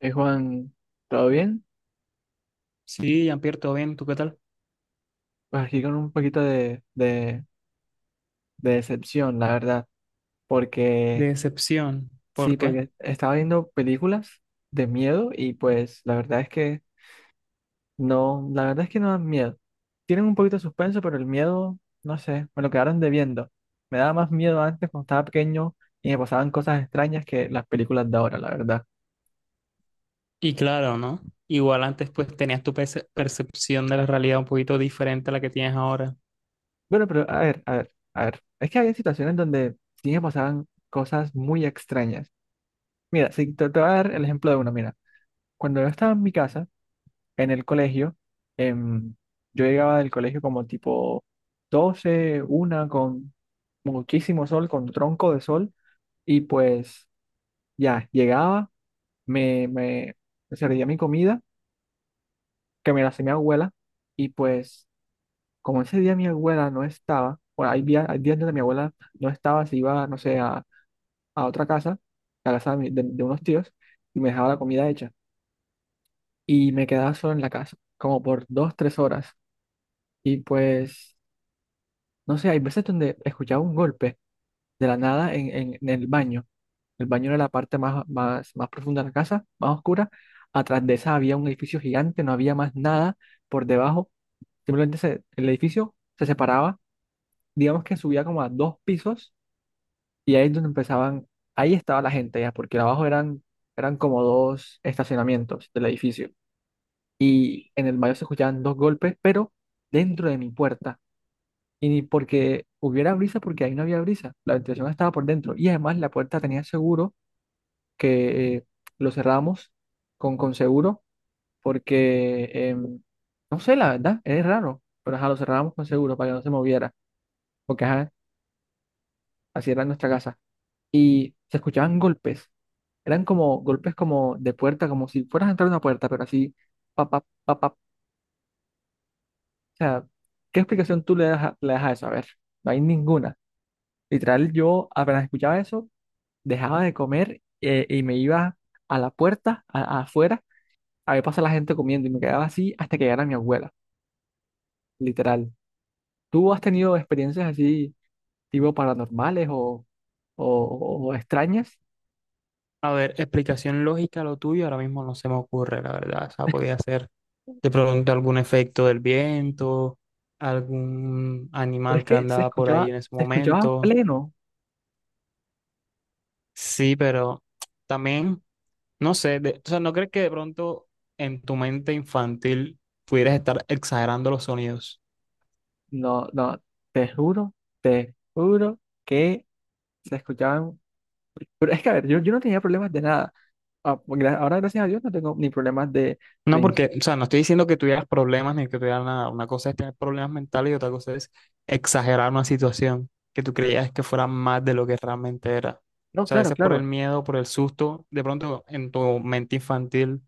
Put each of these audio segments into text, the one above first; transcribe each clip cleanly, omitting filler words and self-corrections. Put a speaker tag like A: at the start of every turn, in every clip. A: Juan, ¿todo bien?
B: Sí, Jean-Pierre, todo bien, ¿tú qué tal?
A: Pues aquí con un poquito de decepción, la verdad, porque
B: Decepción,
A: sí,
B: ¿por qué?
A: porque estaba viendo películas de miedo y pues la verdad es que no, la verdad es que no dan miedo. Tienen un poquito de suspenso, pero el miedo, no sé, me lo quedaron debiendo. Me daba más miedo antes cuando estaba pequeño y me pasaban cosas extrañas que las películas de ahora, la verdad.
B: Y claro, ¿no? Igual antes pues tenías tu percepción de la realidad un poquito diferente a la que tienes ahora.
A: Bueno, pero a ver, a ver, a ver, es que había situaciones donde sí me pasaban cosas muy extrañas. Mira, sí, te voy a dar el ejemplo de uno. Mira, cuando yo estaba en mi casa, en el colegio, em, yo llegaba del colegio como tipo 12 una, con muchísimo sol, con tronco de sol. Y pues ya, llegaba, me servía mi comida, que me la hacía mi abuela. Y pues como ese día mi abuela no estaba, bueno, hay días donde mi abuela no estaba, se iba, no sé, a otra casa, a la casa de, de unos tíos, y me dejaba la comida hecha. Y me quedaba solo en la casa, como por 2, 3 horas. Y pues, no sé, hay veces donde escuchaba un golpe de la nada en el baño. El baño era la parte más, más, más profunda de la casa, más oscura. Atrás de esa había un edificio gigante, no había más nada por debajo. Simplemente el edificio se separaba, digamos que subía como a dos pisos, y ahí es donde empezaban, ahí estaba la gente ya, porque abajo eran, como dos estacionamientos del edificio. Y en el mayo se escuchaban dos golpes, pero dentro de mi puerta. Y ni porque hubiera brisa, porque ahí no había brisa, la ventilación estaba por dentro. Y además la puerta tenía seguro, que lo cerramos con seguro, porque, no sé, la verdad, es raro, pero ajá, lo cerrábamos con seguro para que no se moviera, porque ajá, así era nuestra casa. Y se escuchaban golpes, eran como golpes como de puerta, como si fueras a entrar a una puerta, pero así, papá, papá. O sea, ¿qué explicación tú le das le das a eso? A ver, no hay ninguna. Literal, yo apenas escuchaba eso, dejaba de comer, y me iba a la puerta, afuera, a ver pasar la gente comiendo y me quedaba así hasta que llegara mi abuela, literal. ¿Tú has tenido experiencias así, tipo paranormales o, o extrañas?
B: A ver, explicación lógica a lo tuyo ahora mismo no se me ocurre, la verdad. O sea, podía ser de pronto algún efecto del viento, algún
A: Pero es
B: animal que
A: que
B: andaba por ahí en ese
A: se escuchaba
B: momento.
A: pleno.
B: Sí, pero también... No sé, o sea, ¿no crees que de pronto en tu mente infantil pudieras estar exagerando los sonidos?
A: No, no, te juro, te juro que se escuchaban. Pero es que, a ver, yo, no tenía problemas de nada. Ah, pues ahora, gracias a Dios, no tengo ni problemas
B: No,
A: de... ins-
B: porque, o sea, no estoy diciendo que tuvieras problemas ni que tuvieras nada. Una cosa es tener problemas mentales y otra cosa es exagerar una situación que tú creías que fuera más de lo que realmente era. O
A: No,
B: sea, a
A: claro,
B: veces por el
A: claro.
B: miedo, por el susto, de pronto en tu mente infantil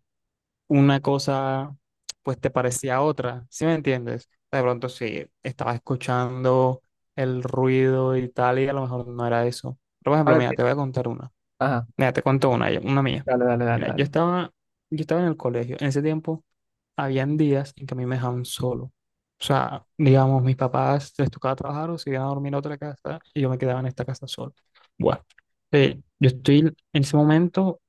B: una cosa pues te parecía otra, ¿sí me entiendes? O sea, de pronto sí, estabas escuchando el ruido y tal y a lo mejor no era eso. Pero, por
A: A
B: ejemplo,
A: ver,
B: mira, te
A: mira.
B: voy a contar una.
A: Ajá.
B: Mira, te cuento una, mía.
A: Dale, dale, dale,
B: Mira,
A: dale.
B: yo estaba en el colegio. En ese tiempo habían días en que a mí me dejaban solo. O sea, digamos, mis papás les tocaba trabajar o se iban a dormir a otra casa y yo me quedaba en esta casa solo. Bueno, yo estoy en ese momento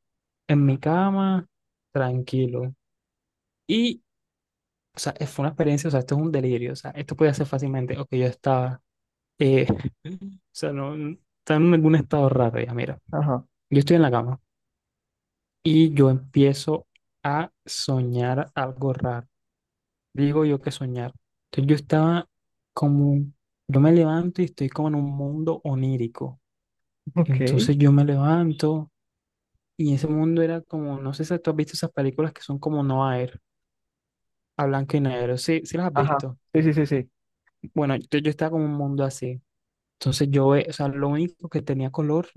B: en mi cama, tranquilo. Y, o sea, fue una experiencia, o sea, esto es un delirio. O sea, esto podía ser fácilmente, o que yo estaba, eh, o sea, no, estaba en algún estado raro ya, mira.
A: Ajá.
B: Yo estoy en la cama. Y yo empiezo a soñar algo raro. Digo yo que soñar. Entonces yo estaba como, yo me levanto y estoy como en un mundo onírico.
A: Ok.
B: Entonces yo me levanto y ese mundo era como, no sé si tú has visto esas películas que son como no Air, a blanco y negro. Sí, sí las has
A: Ajá.
B: visto.
A: Sí, sí, sí, sí.
B: Bueno, entonces yo estaba como en un mundo así. Entonces yo, o sea, lo único que tenía color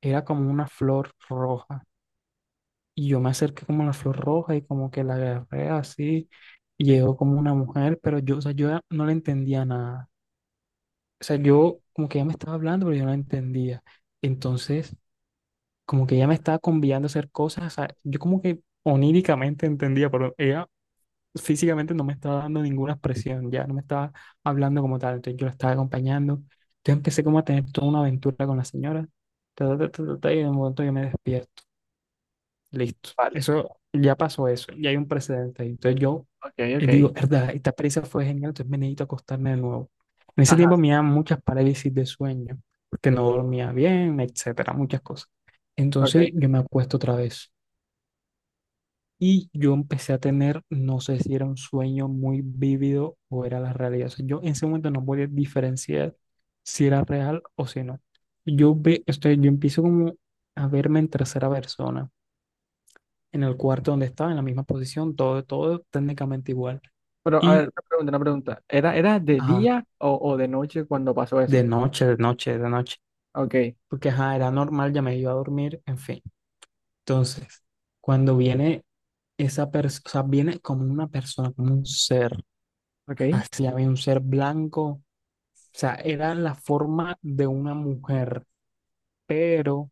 B: era como una flor roja. Y yo me acerqué como a la flor roja y como que la agarré así. Y llegó como una mujer, pero yo, o sea, yo no le entendía nada. O sea, yo como que ella me estaba hablando, pero yo no la entendía. Entonces, como que ella me estaba convidando a hacer cosas. O sea, yo como que oníricamente entendía, pero ella físicamente no me estaba dando ninguna expresión, ya no me estaba hablando como tal. Entonces yo la estaba acompañando. Entonces empecé como a tener toda una aventura con la señora. Ta, ta, ta, ta, ta, y en un momento yo me despierto. Listo.
A: Vale.
B: Eso ya pasó eso, ya hay un precedente ahí. Entonces yo
A: Ok, ok.
B: digo, verdad, esta experiencia fue genial, entonces me necesito acostarme de nuevo. En ese
A: Ajá.
B: tiempo me daban muchas parálisis de sueño, porque no dormía bien, etcétera, muchas cosas. Entonces
A: Ok.
B: yo me acuesto otra vez y yo empecé a tener, no sé si era un sueño muy vívido o era la realidad. O sea, yo en ese momento no podía diferenciar si era real o si no. Yo empiezo como a verme en tercera persona en el cuarto donde estaba, en la misma posición, todo, todo técnicamente igual.
A: Pero, a ver,
B: Y,
A: una pregunta, una pregunta. ¿Era de
B: ajá,
A: día o de noche cuando pasó eso?
B: de noche, de noche, de noche,
A: Ok,
B: porque, ajá, era normal, ya me iba a dormir, en fin. Entonces, cuando viene esa persona, o sea, viene como una persona, como un ser,
A: ok.
B: así había un ser blanco, o sea, era la forma de una mujer, pero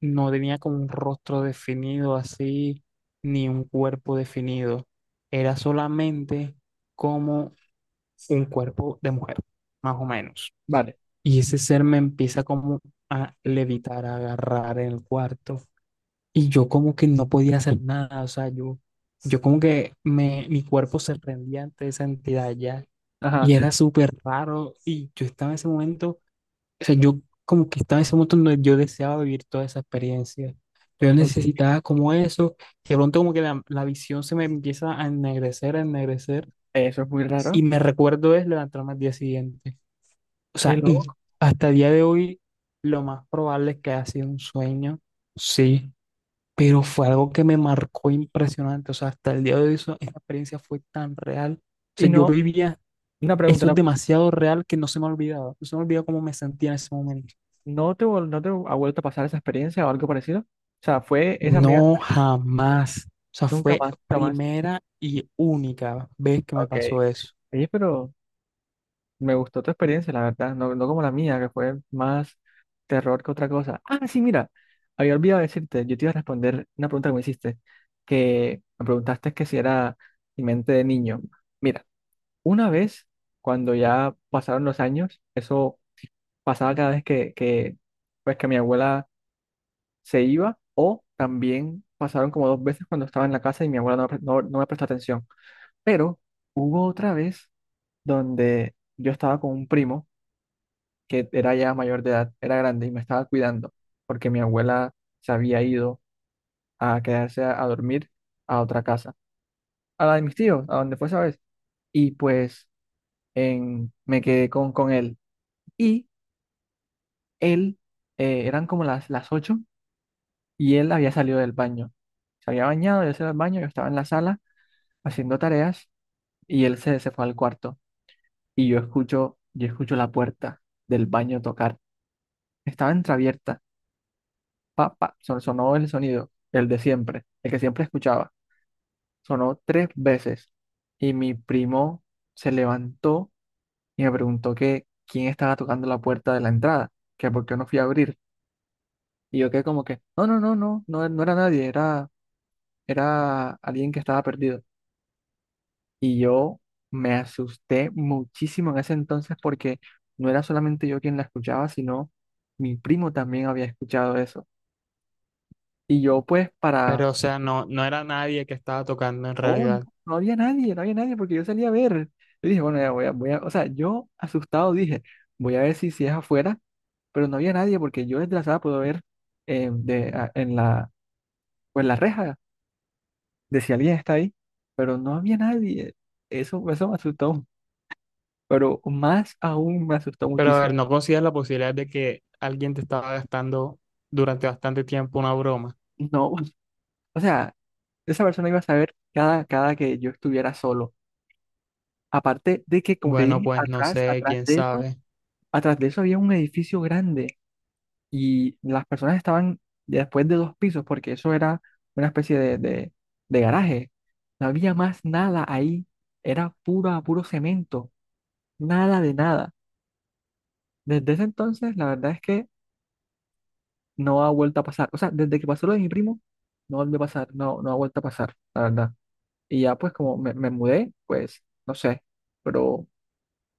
B: no tenía como un rostro definido así, ni un cuerpo definido, era solamente como un cuerpo de mujer, más o menos.
A: Vale.
B: Y ese ser me empieza como a levitar, a agarrar en el cuarto. Y yo como que no podía hacer nada, o sea, yo como que me, mi cuerpo se rendía ante esa entidad ya. Y
A: Ajá.
B: era súper raro. Y yo estaba en ese momento, o sea, yo como que estaba en ese momento donde yo deseaba vivir toda esa experiencia. Yo
A: Ok.
B: necesitaba como eso. Y de pronto como que la visión se me empieza a ennegrecer, a ennegrecer.
A: Eso es muy raro.
B: Y me recuerdo es levantarme al día siguiente. O
A: Qué
B: sea, y
A: loco.
B: hasta el día de hoy lo más probable es que haya sido un sueño, sí, pero fue algo que me marcó impresionante. O sea, hasta el día de hoy esa experiencia fue tan real. O
A: Y
B: sea, yo
A: no,
B: vivía
A: una pregunta,
B: eso es demasiado real que no se me ha olvidado. No se me olvidó cómo me sentía en ese momento.
A: ¿no te ha vuelto a pasar esa experiencia o algo parecido? O sea, fue esa primera,
B: No jamás. O sea,
A: nunca
B: fue
A: más, nunca más.
B: primera y única vez que me
A: Ok.
B: pasó eso.
A: Oye, pero. Me gustó tu experiencia, la verdad, no, no como la mía, que fue más terror que otra cosa. Ah, sí, mira, había olvidado decirte, yo te iba a responder una pregunta que me hiciste, que me preguntaste que si era mi mente de niño. Mira, una vez, cuando ya pasaron los años, eso pasaba cada vez pues, que mi abuela se iba, o también pasaron como dos veces cuando estaba en la casa y mi abuela no me prestó atención. Pero hubo otra vez donde yo estaba con un primo que era ya mayor de edad, era grande y me estaba cuidando porque mi abuela se había ido a quedarse a, dormir a otra casa, a la de mis tíos, a donde fue esa vez. Y pues me quedé con él. Y él, eran como las 8 y él había salido del baño. Se había bañado, yo se iba al baño, yo estaba en la sala haciendo tareas y él se fue al cuarto. Y yo escucho la puerta del baño tocar. Estaba entreabierta, pa, pa, sonó el sonido, el de siempre, el que siempre escuchaba. Sonó tres veces y mi primo se levantó y me preguntó que quién estaba tocando la puerta de la entrada, que por qué no fui a abrir. Y yo quedé como que, no, no, no, no, no, no era nadie, era alguien que estaba perdido. Y yo me asusté muchísimo en ese entonces porque no era solamente yo quien la escuchaba, sino mi primo también había escuchado eso. Y yo pues para.
B: Pero, o sea, no, no era nadie que estaba tocando en
A: Oh, no,
B: realidad.
A: no había nadie, no había nadie porque yo salí a ver. Yo dije, bueno, ya o sea, yo asustado dije, voy a ver si es afuera, pero no había nadie porque yo desde la sala puedo ver, de, en la, pues la reja, de si alguien está ahí, pero no había nadie. Eso me asustó, pero más aún me asustó
B: Pero a
A: muchísimo.
B: ver, ¿no consideras la posibilidad de que alguien te estaba gastando durante bastante tiempo una broma?
A: No, o sea, esa persona iba a saber cada que yo estuviera solo. Aparte de que, como te
B: Bueno,
A: dije,
B: pues no sé, quién sabe.
A: atrás de eso había un edificio grande y las personas estaban después de dos pisos, porque eso era una especie de garaje. No había más nada ahí, era puro, puro cemento, nada de nada. Desde ese entonces, la verdad es que no ha vuelto a pasar. O sea, desde que pasó lo de mi primo, no volvió a pasar, no, no ha vuelto a pasar, la verdad. Y ya pues como me mudé, pues no sé, pero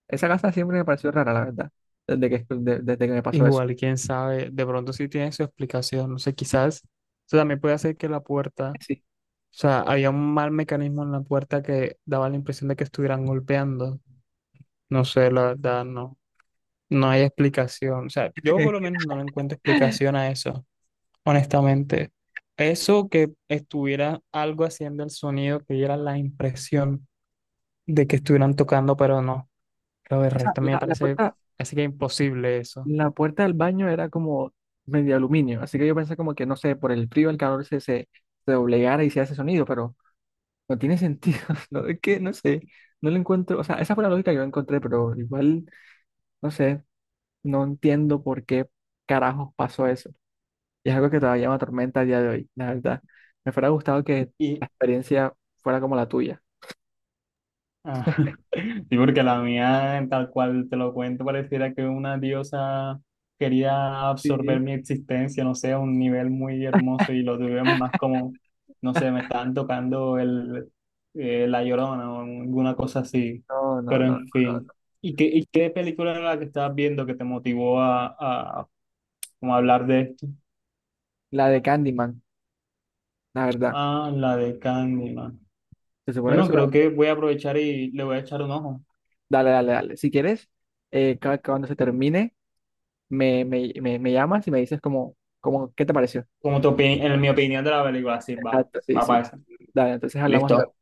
A: esa casa siempre me pareció rara, la verdad, desde que me pasó eso.
B: Igual, quién sabe. De pronto sí tiene su explicación. No sé, quizás. Eso también puede hacer que la puerta, o
A: Sí.
B: sea, había un mal mecanismo en la puerta que daba la impresión de que estuvieran golpeando. No sé, la verdad, no. No hay explicación. O sea, yo por lo menos no le encuentro explicación a eso, honestamente. Eso que estuviera algo haciendo el sonido, que diera la impresión de que estuvieran tocando, pero no. Lo del
A: O sea,
B: resto me
A: la
B: parece
A: puerta.
B: así que imposible eso.
A: La puerta del baño era como medio aluminio, así que yo pensé como que, no sé, por el frío, el calor se doblegara y se hace sonido, pero no tiene sentido, ¿no? Es que, no sé, no lo encuentro, o sea, esa fue la lógica que yo encontré, pero igual, no sé, no entiendo por qué carajos pasó eso. Y es algo que todavía me atormenta a día de hoy, la verdad. Me fuera gustado que la
B: Y,
A: experiencia fuera como la tuya.
B: ah, sí, porque la mía, tal cual te lo cuento, pareciera que una diosa quería absorber
A: Sí.
B: mi existencia, no sé, a un nivel muy hermoso y lo tuve más como, no sé, me estaban tocando La Llorona o alguna cosa así.
A: No, no,
B: Pero
A: no,
B: en
A: no,
B: fin.
A: no.
B: ¿Y qué película era la que estabas viendo que te motivó como a hablar de esto?
A: La de Candyman, la verdad.
B: Ah, la de Candyman.
A: Se supone que
B: Bueno,
A: eso.
B: creo que voy a aprovechar y le voy a echar un ojo.
A: Dale, dale, dale. Si quieres, cuando se termine, me llamas y me dices ¿qué te pareció?
B: Como en mi opinión de la película, sí,
A: Exacto, sí,
B: va para
A: sí.
B: eso.
A: Dale, entonces hablamos
B: Listo.
A: luego.